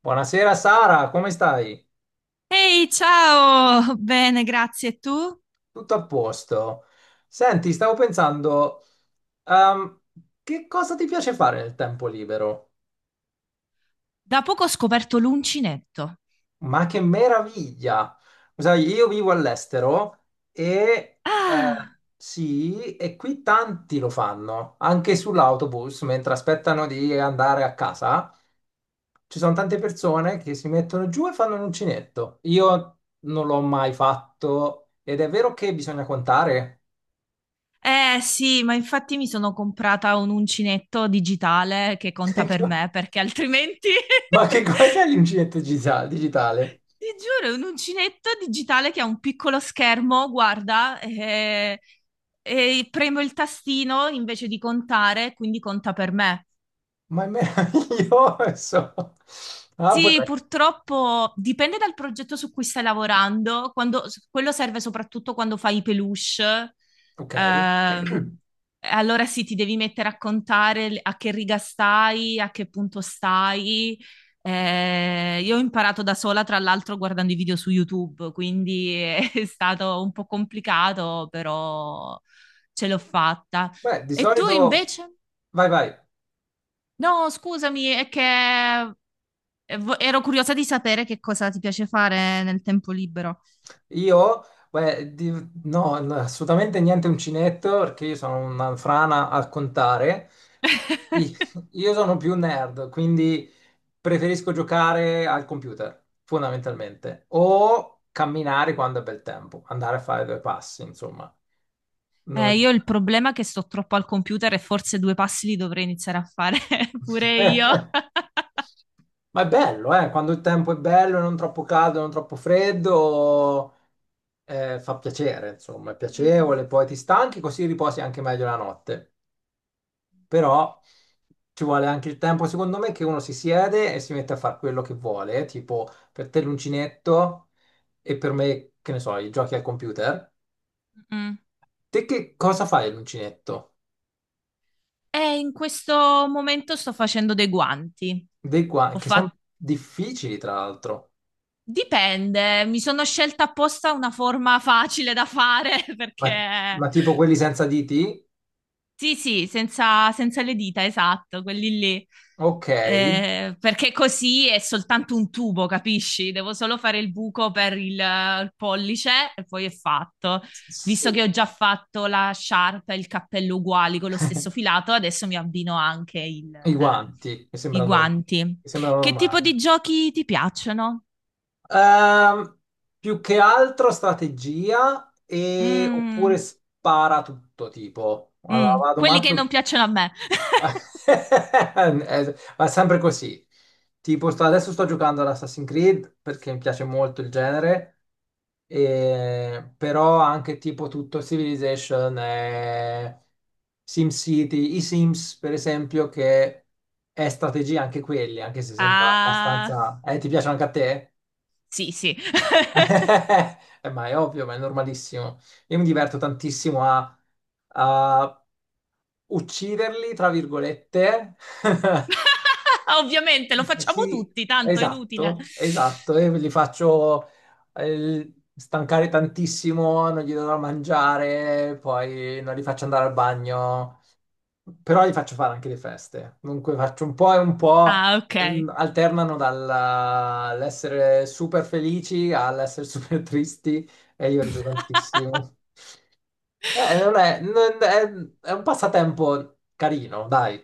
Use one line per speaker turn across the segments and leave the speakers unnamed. Buonasera Sara, come stai?
Ehi, ciao! Bene, grazie. Tu?
Tutto a posto? Senti, stavo pensando, ehm, che cosa ti piace fare nel tempo libero?
Da poco ho scoperto l'uncinetto.
Ma che meraviglia! Sai, io vivo all'estero e
Ah,
sì, e qui tanti lo fanno, anche sull'autobus, mentre aspettano di andare a casa. Ci sono tante persone che si mettono giù e fanno un uncinetto. Io non l'ho mai fatto ed è vero che bisogna contare.
eh sì, ma infatti mi sono comprata un uncinetto digitale che conta per me, perché altrimenti...
Ma che cos'è l'uncinetto digitale?
Ti giuro, è un uncinetto digitale che ha un piccolo schermo, guarda, e premo il tastino invece di contare, quindi conta per me.
Ma è meraviglioso. Ah,
Sì,
potrei.
purtroppo dipende dal progetto su cui stai lavorando. Quello serve soprattutto quando fai i peluche.
Ok.
Ehm, allora sì, ti devi mettere a contare a che riga stai, a che punto stai. Io ho imparato da sola, tra l'altro, guardando i video su YouTube, quindi è stato un po' complicato, però ce l'ho fatta.
Beh, di
E tu
solito...
invece?
Vai, vai.
No, scusami, è che ero curiosa di sapere che cosa ti piace fare nel tempo libero.
Io... Beh, di- no, no, assolutamente niente uncinetto, perché io sono una frana a contare. I- Io sono più nerd, quindi preferisco giocare al computer, fondamentalmente. O camminare quando è bel tempo, andare a fare due passi, insomma. Non-
Io il problema è che sto troppo al computer e forse due passi li dovrei iniziare a fare pure io.
Ma è bello, eh? Quando il tempo è bello, non troppo caldo, non troppo freddo, fa piacere, insomma, è
Mm,
piacevole,
mm.
poi ti stanchi, così riposi anche meglio la notte. Però ci vuole anche il tempo, secondo me, che uno si siede e si mette a fare quello che vuole, tipo per te l'uncinetto e per me, che ne so, i giochi al computer.
Mm.
Te che cosa fai all'uncinetto?
E in questo momento sto facendo dei guanti.
Dei qua,
Ho
che sono
fatto...
difficili, tra l'altro.
Dipende, mi sono scelta apposta una forma facile da fare.
Ma,
Perché
ma tipo quelli senza diti?
sì, sì, senza, senza le dita, esatto, quelli lì.
Ok.
Perché così è soltanto un tubo, capisci? Devo solo fare il buco per il pollice e poi è fatto. Visto che
Sì,
ho già fatto la sciarpa e il cappello uguali con lo stesso filato, adesso mi abbino anche
i guanti,
i guanti.
mi sembra
Che tipo
normale.
di giochi ti piacciono?
Ehm, Più che altro strategia e...
Mm,
oppure spara tutto tipo. Allora,
mm,
vado
quelli che non
matto.
piacciono a me.
Va sempre così. Tipo,
Sì, sì.
adesso sto giocando ad Assassin's Creed perché mi piace molto il genere, però anche tipo tutto Civilization, SimCity, i Sims per esempio, che è strategia anche quelli, anche se sembra
Ah,
abbastanza... ti piacciono anche a te?
sì, sì.
Ma è ovvio, ma è normalissimo. Io mi diverto tantissimo a ucciderli, tra virgolette.
Ovviamente lo facciamo
Sì,
tutti, tanto è inutile.
esatto, esatto. E li faccio stancare tantissimo, non gli do da mangiare, poi non li faccio andare al bagno, però li faccio fare anche le feste. Dunque faccio un po' e un po',
Ah, ok.
mm, alternano dall'essere super felici all'essere super tristi e io rido tantissimo. Non è, non è, è un passatempo carino, dai.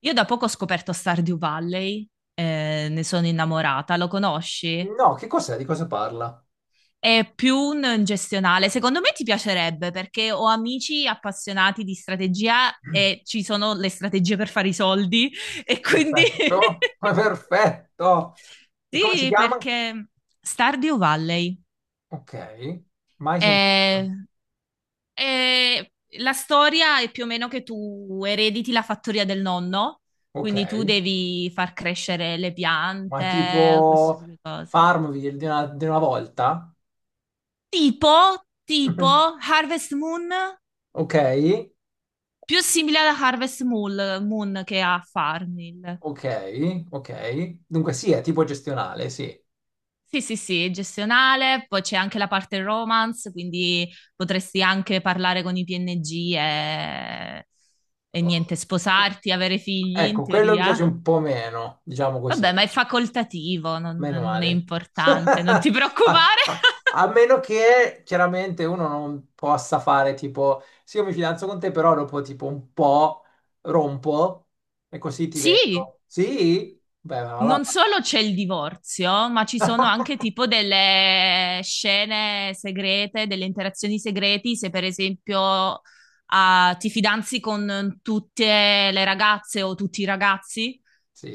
Io da poco ho scoperto Stardew Valley, ne sono innamorata. Lo conosci?
No, che cos'è? Di cosa parla?
È più un gestionale. Secondo me ti piacerebbe perché ho amici appassionati di strategia e ci sono le strategie per fare i soldi e quindi
Perfetto, ma perfetto. E come si
sì,
chiama?
perché Stardew Valley
Ok, mai
è...
sentito.
Eh, la storia è più o meno che tu erediti la fattoria del nonno,
Ok,
quindi tu devi far crescere le
ma
piante, queste
tipo
tipo di cose.
Farmville di una volta?
Tipo, tipo Harvest Moon,
Ok,
più simile alla Harvest Moon che a Farmville.
ok, ok. Dunque sì, è tipo gestionale, sì.
Sì, sì, sì, è gestionale, poi c'è anche la parte romance, quindi potresti anche parlare con i PNG e niente, sposarti, avere figli in
Ecco, quello mi piace
teoria.
un po' meno, diciamo così.
Vabbè, ma è facoltativo, non,
Meno
non è
male.
importante, non ti
A,
preoccupare.
a- A meno che chiaramente uno non possa fare tipo, sì, io mi fidanzo con te, però dopo tipo un po' rompo e così ti
Sì,
vedo. Sì? Beh, allora.
non solo c'è il divorzio, ma ci sono anche tipo delle scene segrete, delle interazioni segreti, se per esempio ah, ti fidanzi con tutte le ragazze o tutti i ragazzi,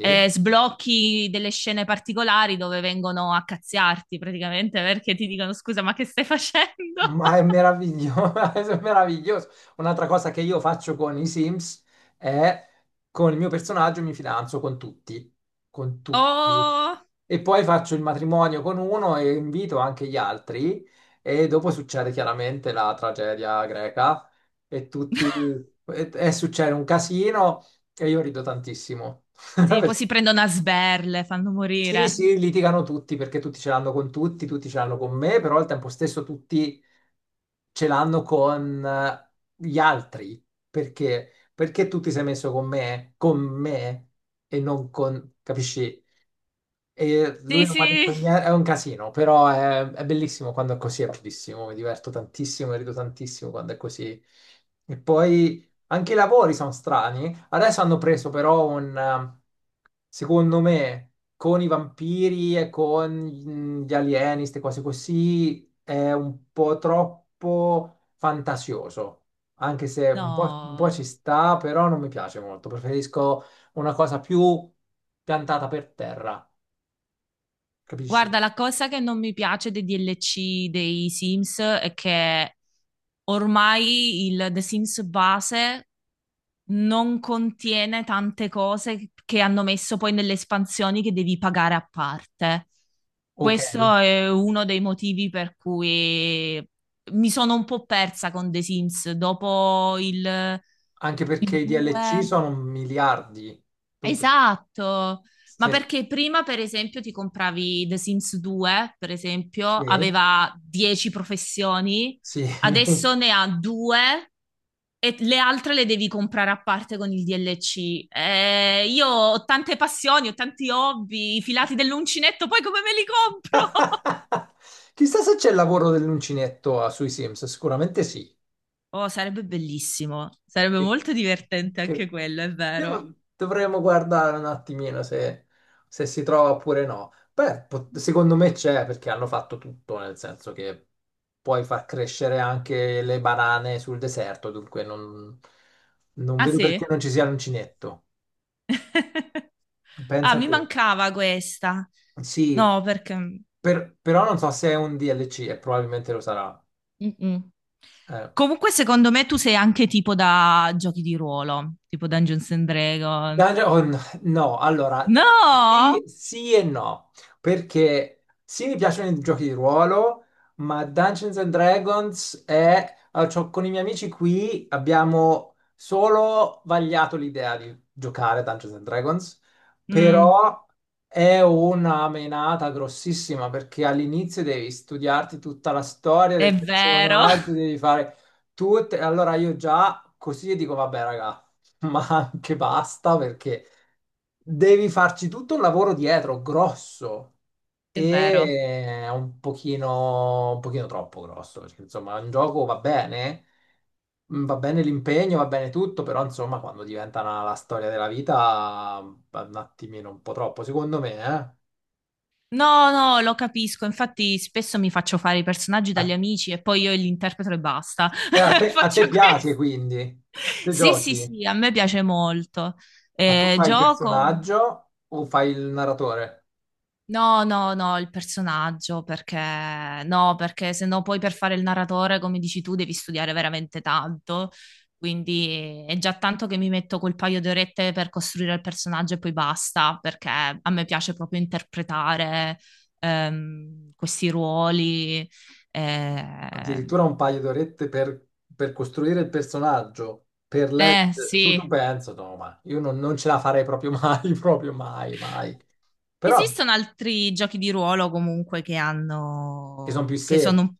sblocchi delle scene particolari dove vengono a cazziarti praticamente perché ti dicono scusa, ma che stai facendo?
Ma è meraviglioso, è meraviglioso. Un'altra cosa che io faccio con i Sims è con il mio personaggio mi fidanzo con tutti, con tutti.
Oh...
E poi faccio il matrimonio con uno e invito anche gli altri e dopo succede chiaramente la tragedia greca e tutti e succede un casino e io rido tantissimo.
Sì, poi si prendono a sberle, fanno
Sì,
morire.
sì, litigano tutti perché tutti ce l'hanno con tutti, tutti ce l'hanno con me, però al tempo stesso tutti ce l'hanno con gli altri. Perché? Perché tu ti sei messo con me e non con, capisci? E lui
Sì,
non mi ha detto
sì.
niente, è un casino, però è bellissimo quando è così, è bellissimo, mi diverto tantissimo, mi rido tantissimo quando è così. E poi anche i lavori sono strani. Adesso hanno preso però un, secondo me, con i vampiri e con mm, gli alieni, queste cose così, è un po' troppo fantasioso. Anche se un po', un po'
No.
ci sta, però non mi piace molto. Preferisco una cosa più piantata per terra. Capisci?
Guarda, la cosa che non mi piace dei DLC dei Sims è che ormai il The Sims base non contiene tante cose che hanno messo poi nelle espansioni che devi pagare a parte.
Ok,
Questo è uno dei motivi per cui mi sono un po' persa con The Sims dopo il
anche perché i DLC
2.
sono miliardi. Dunque,
Esatto, ma
se,
perché prima, per esempio, ti compravi The Sims 2, per esempio,
se-
aveva 10 professioni,
sì.
adesso ne ha due e le altre le devi comprare a parte con il DLC. Io ho tante passioni, ho tanti hobby, i filati dell'uncinetto, poi come me li compro?
Chissà se c'è il lavoro dell'uncinetto ah, sui Sims, sicuramente sì.
Oh, sarebbe bellissimo, sarebbe
Sì.
molto divertente anche
Che...
quello, è vero.
Dovremmo guardare un attimino se, se si trova oppure no. Beh, secondo me c'è perché hanno fatto tutto, nel senso che puoi far crescere anche le banane sul deserto, dunque non, non
Ah,
vedo perché
sì?
non ci sia l'uncinetto.
Ah,
Pensa
mi
tu.
mancava questa.
Sì,
No, perché
però non so se è un DLC e probabilmente lo sarà.
mm-mm.
Eh.
Comunque, secondo me tu sei anche tipo da giochi di ruolo, tipo Dungeons and Dragons.
Dungeon- oh, no, no, allora
No!
sì, sì e no, perché sì mi piacciono i giochi di ruolo, ma Dungeons and Dragons è... ah, con i miei amici qui abbiamo solo vagliato l'idea di giocare a Dungeons and Dragons,
Mm,
però è una menata grossissima perché all'inizio devi studiarti tutta la storia
è
del
vero,
personaggio, devi fare tutte... Allora io già così dico, vabbè ragazzi. Ma anche basta perché devi farci tutto un lavoro dietro grosso
è vero.
e è un pochino troppo grosso perché insomma un gioco va bene, mm, va bene l'impegno, va bene tutto, però insomma quando diventa la storia della vita va un attimino un po' troppo secondo me, eh.
No, no, lo capisco. Infatti, spesso mi faccio fare i personaggi
A,
dagli amici e poi io li interpreto e basta.
a te
Faccio
piace
questo.
quindi, se
Sì, sì,
giochi,
sì, a me piace molto.
ma tu fai il
Gioco.
personaggio o fai il narratore?
No, no, no, il personaggio, perché no, perché se no poi per fare il narratore, come dici tu, devi studiare veramente tanto. Quindi è già tanto che mi metto quel paio di orette per costruire il personaggio e poi basta, perché a me piace proprio interpretare questi ruoli. Eh,
Addirittura un paio d'orette per costruire il personaggio, per leggere, su tu
sì,
penso, no, ma io non, non ce la farei proprio mai, proprio mai, mai. Però
esistono altri giochi di ruolo comunque che
che sono più
hanno, che sono
semplici.
un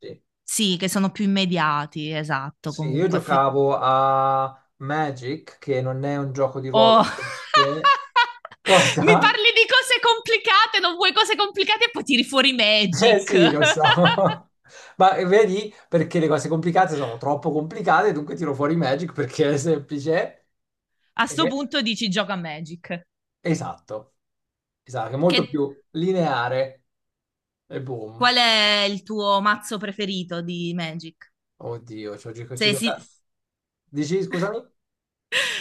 sì, che sono più immediati, esatto,
Sì, io
comunque. F-
giocavo a Magic, che non è un gioco di ruolo.
Oh.
Per sé.
Mi
Cosa?
parli di cose complicate, non vuoi cose complicate e poi tiri fuori
Eh
Magic.
sì, lo so. Ma vedi, perché le cose complicate sono troppo complicate, dunque tiro fuori Magic perché è semplice.
A sto punto dici gioca a Magic.
Esatto, esatto, è molto
Che-
più lineare e boom.
Qual è il tuo mazzo preferito di Magic?
Oddio, ci ho gioca- ci
Se, esi-
gioca- Dici, scusami?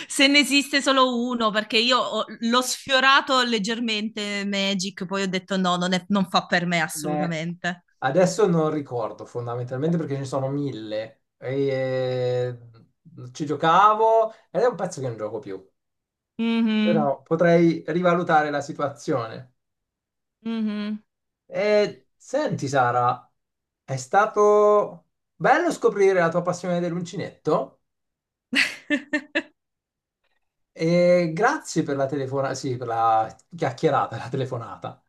Se ne esiste solo uno, perché l'ho sfiorato leggermente Magic, poi ho detto no, non, non fa per me
Ne-
assolutamente.
Adesso non ricordo fondamentalmente perché ce ne sono mille. E, ci giocavo ed è un pezzo che non gioco più.
Mhm,
Però potrei rivalutare la situazione.
mhm.
E senti, Sara, è stato bello scoprire la tua passione dell'uncinetto. E grazie per la telefonata, sì, per la chiacchierata, la telefonata,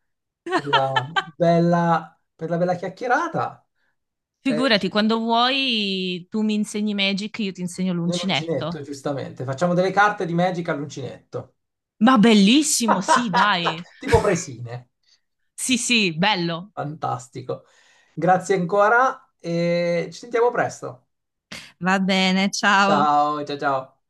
per la per la bella chiacchierata eh,
Figurati, quando vuoi tu mi insegni Magic, io ti insegno
nell'uncinetto,
l'uncinetto.
giustamente. Facciamo delle carte di Magic all'uncinetto,
Ma bellissimo, sì, dai.
tipo presine.
Sì, sì, bello.
Fantastico. Grazie ancora e ci sentiamo presto.
Va bene, ciao.
Ciao, ciao, ciao.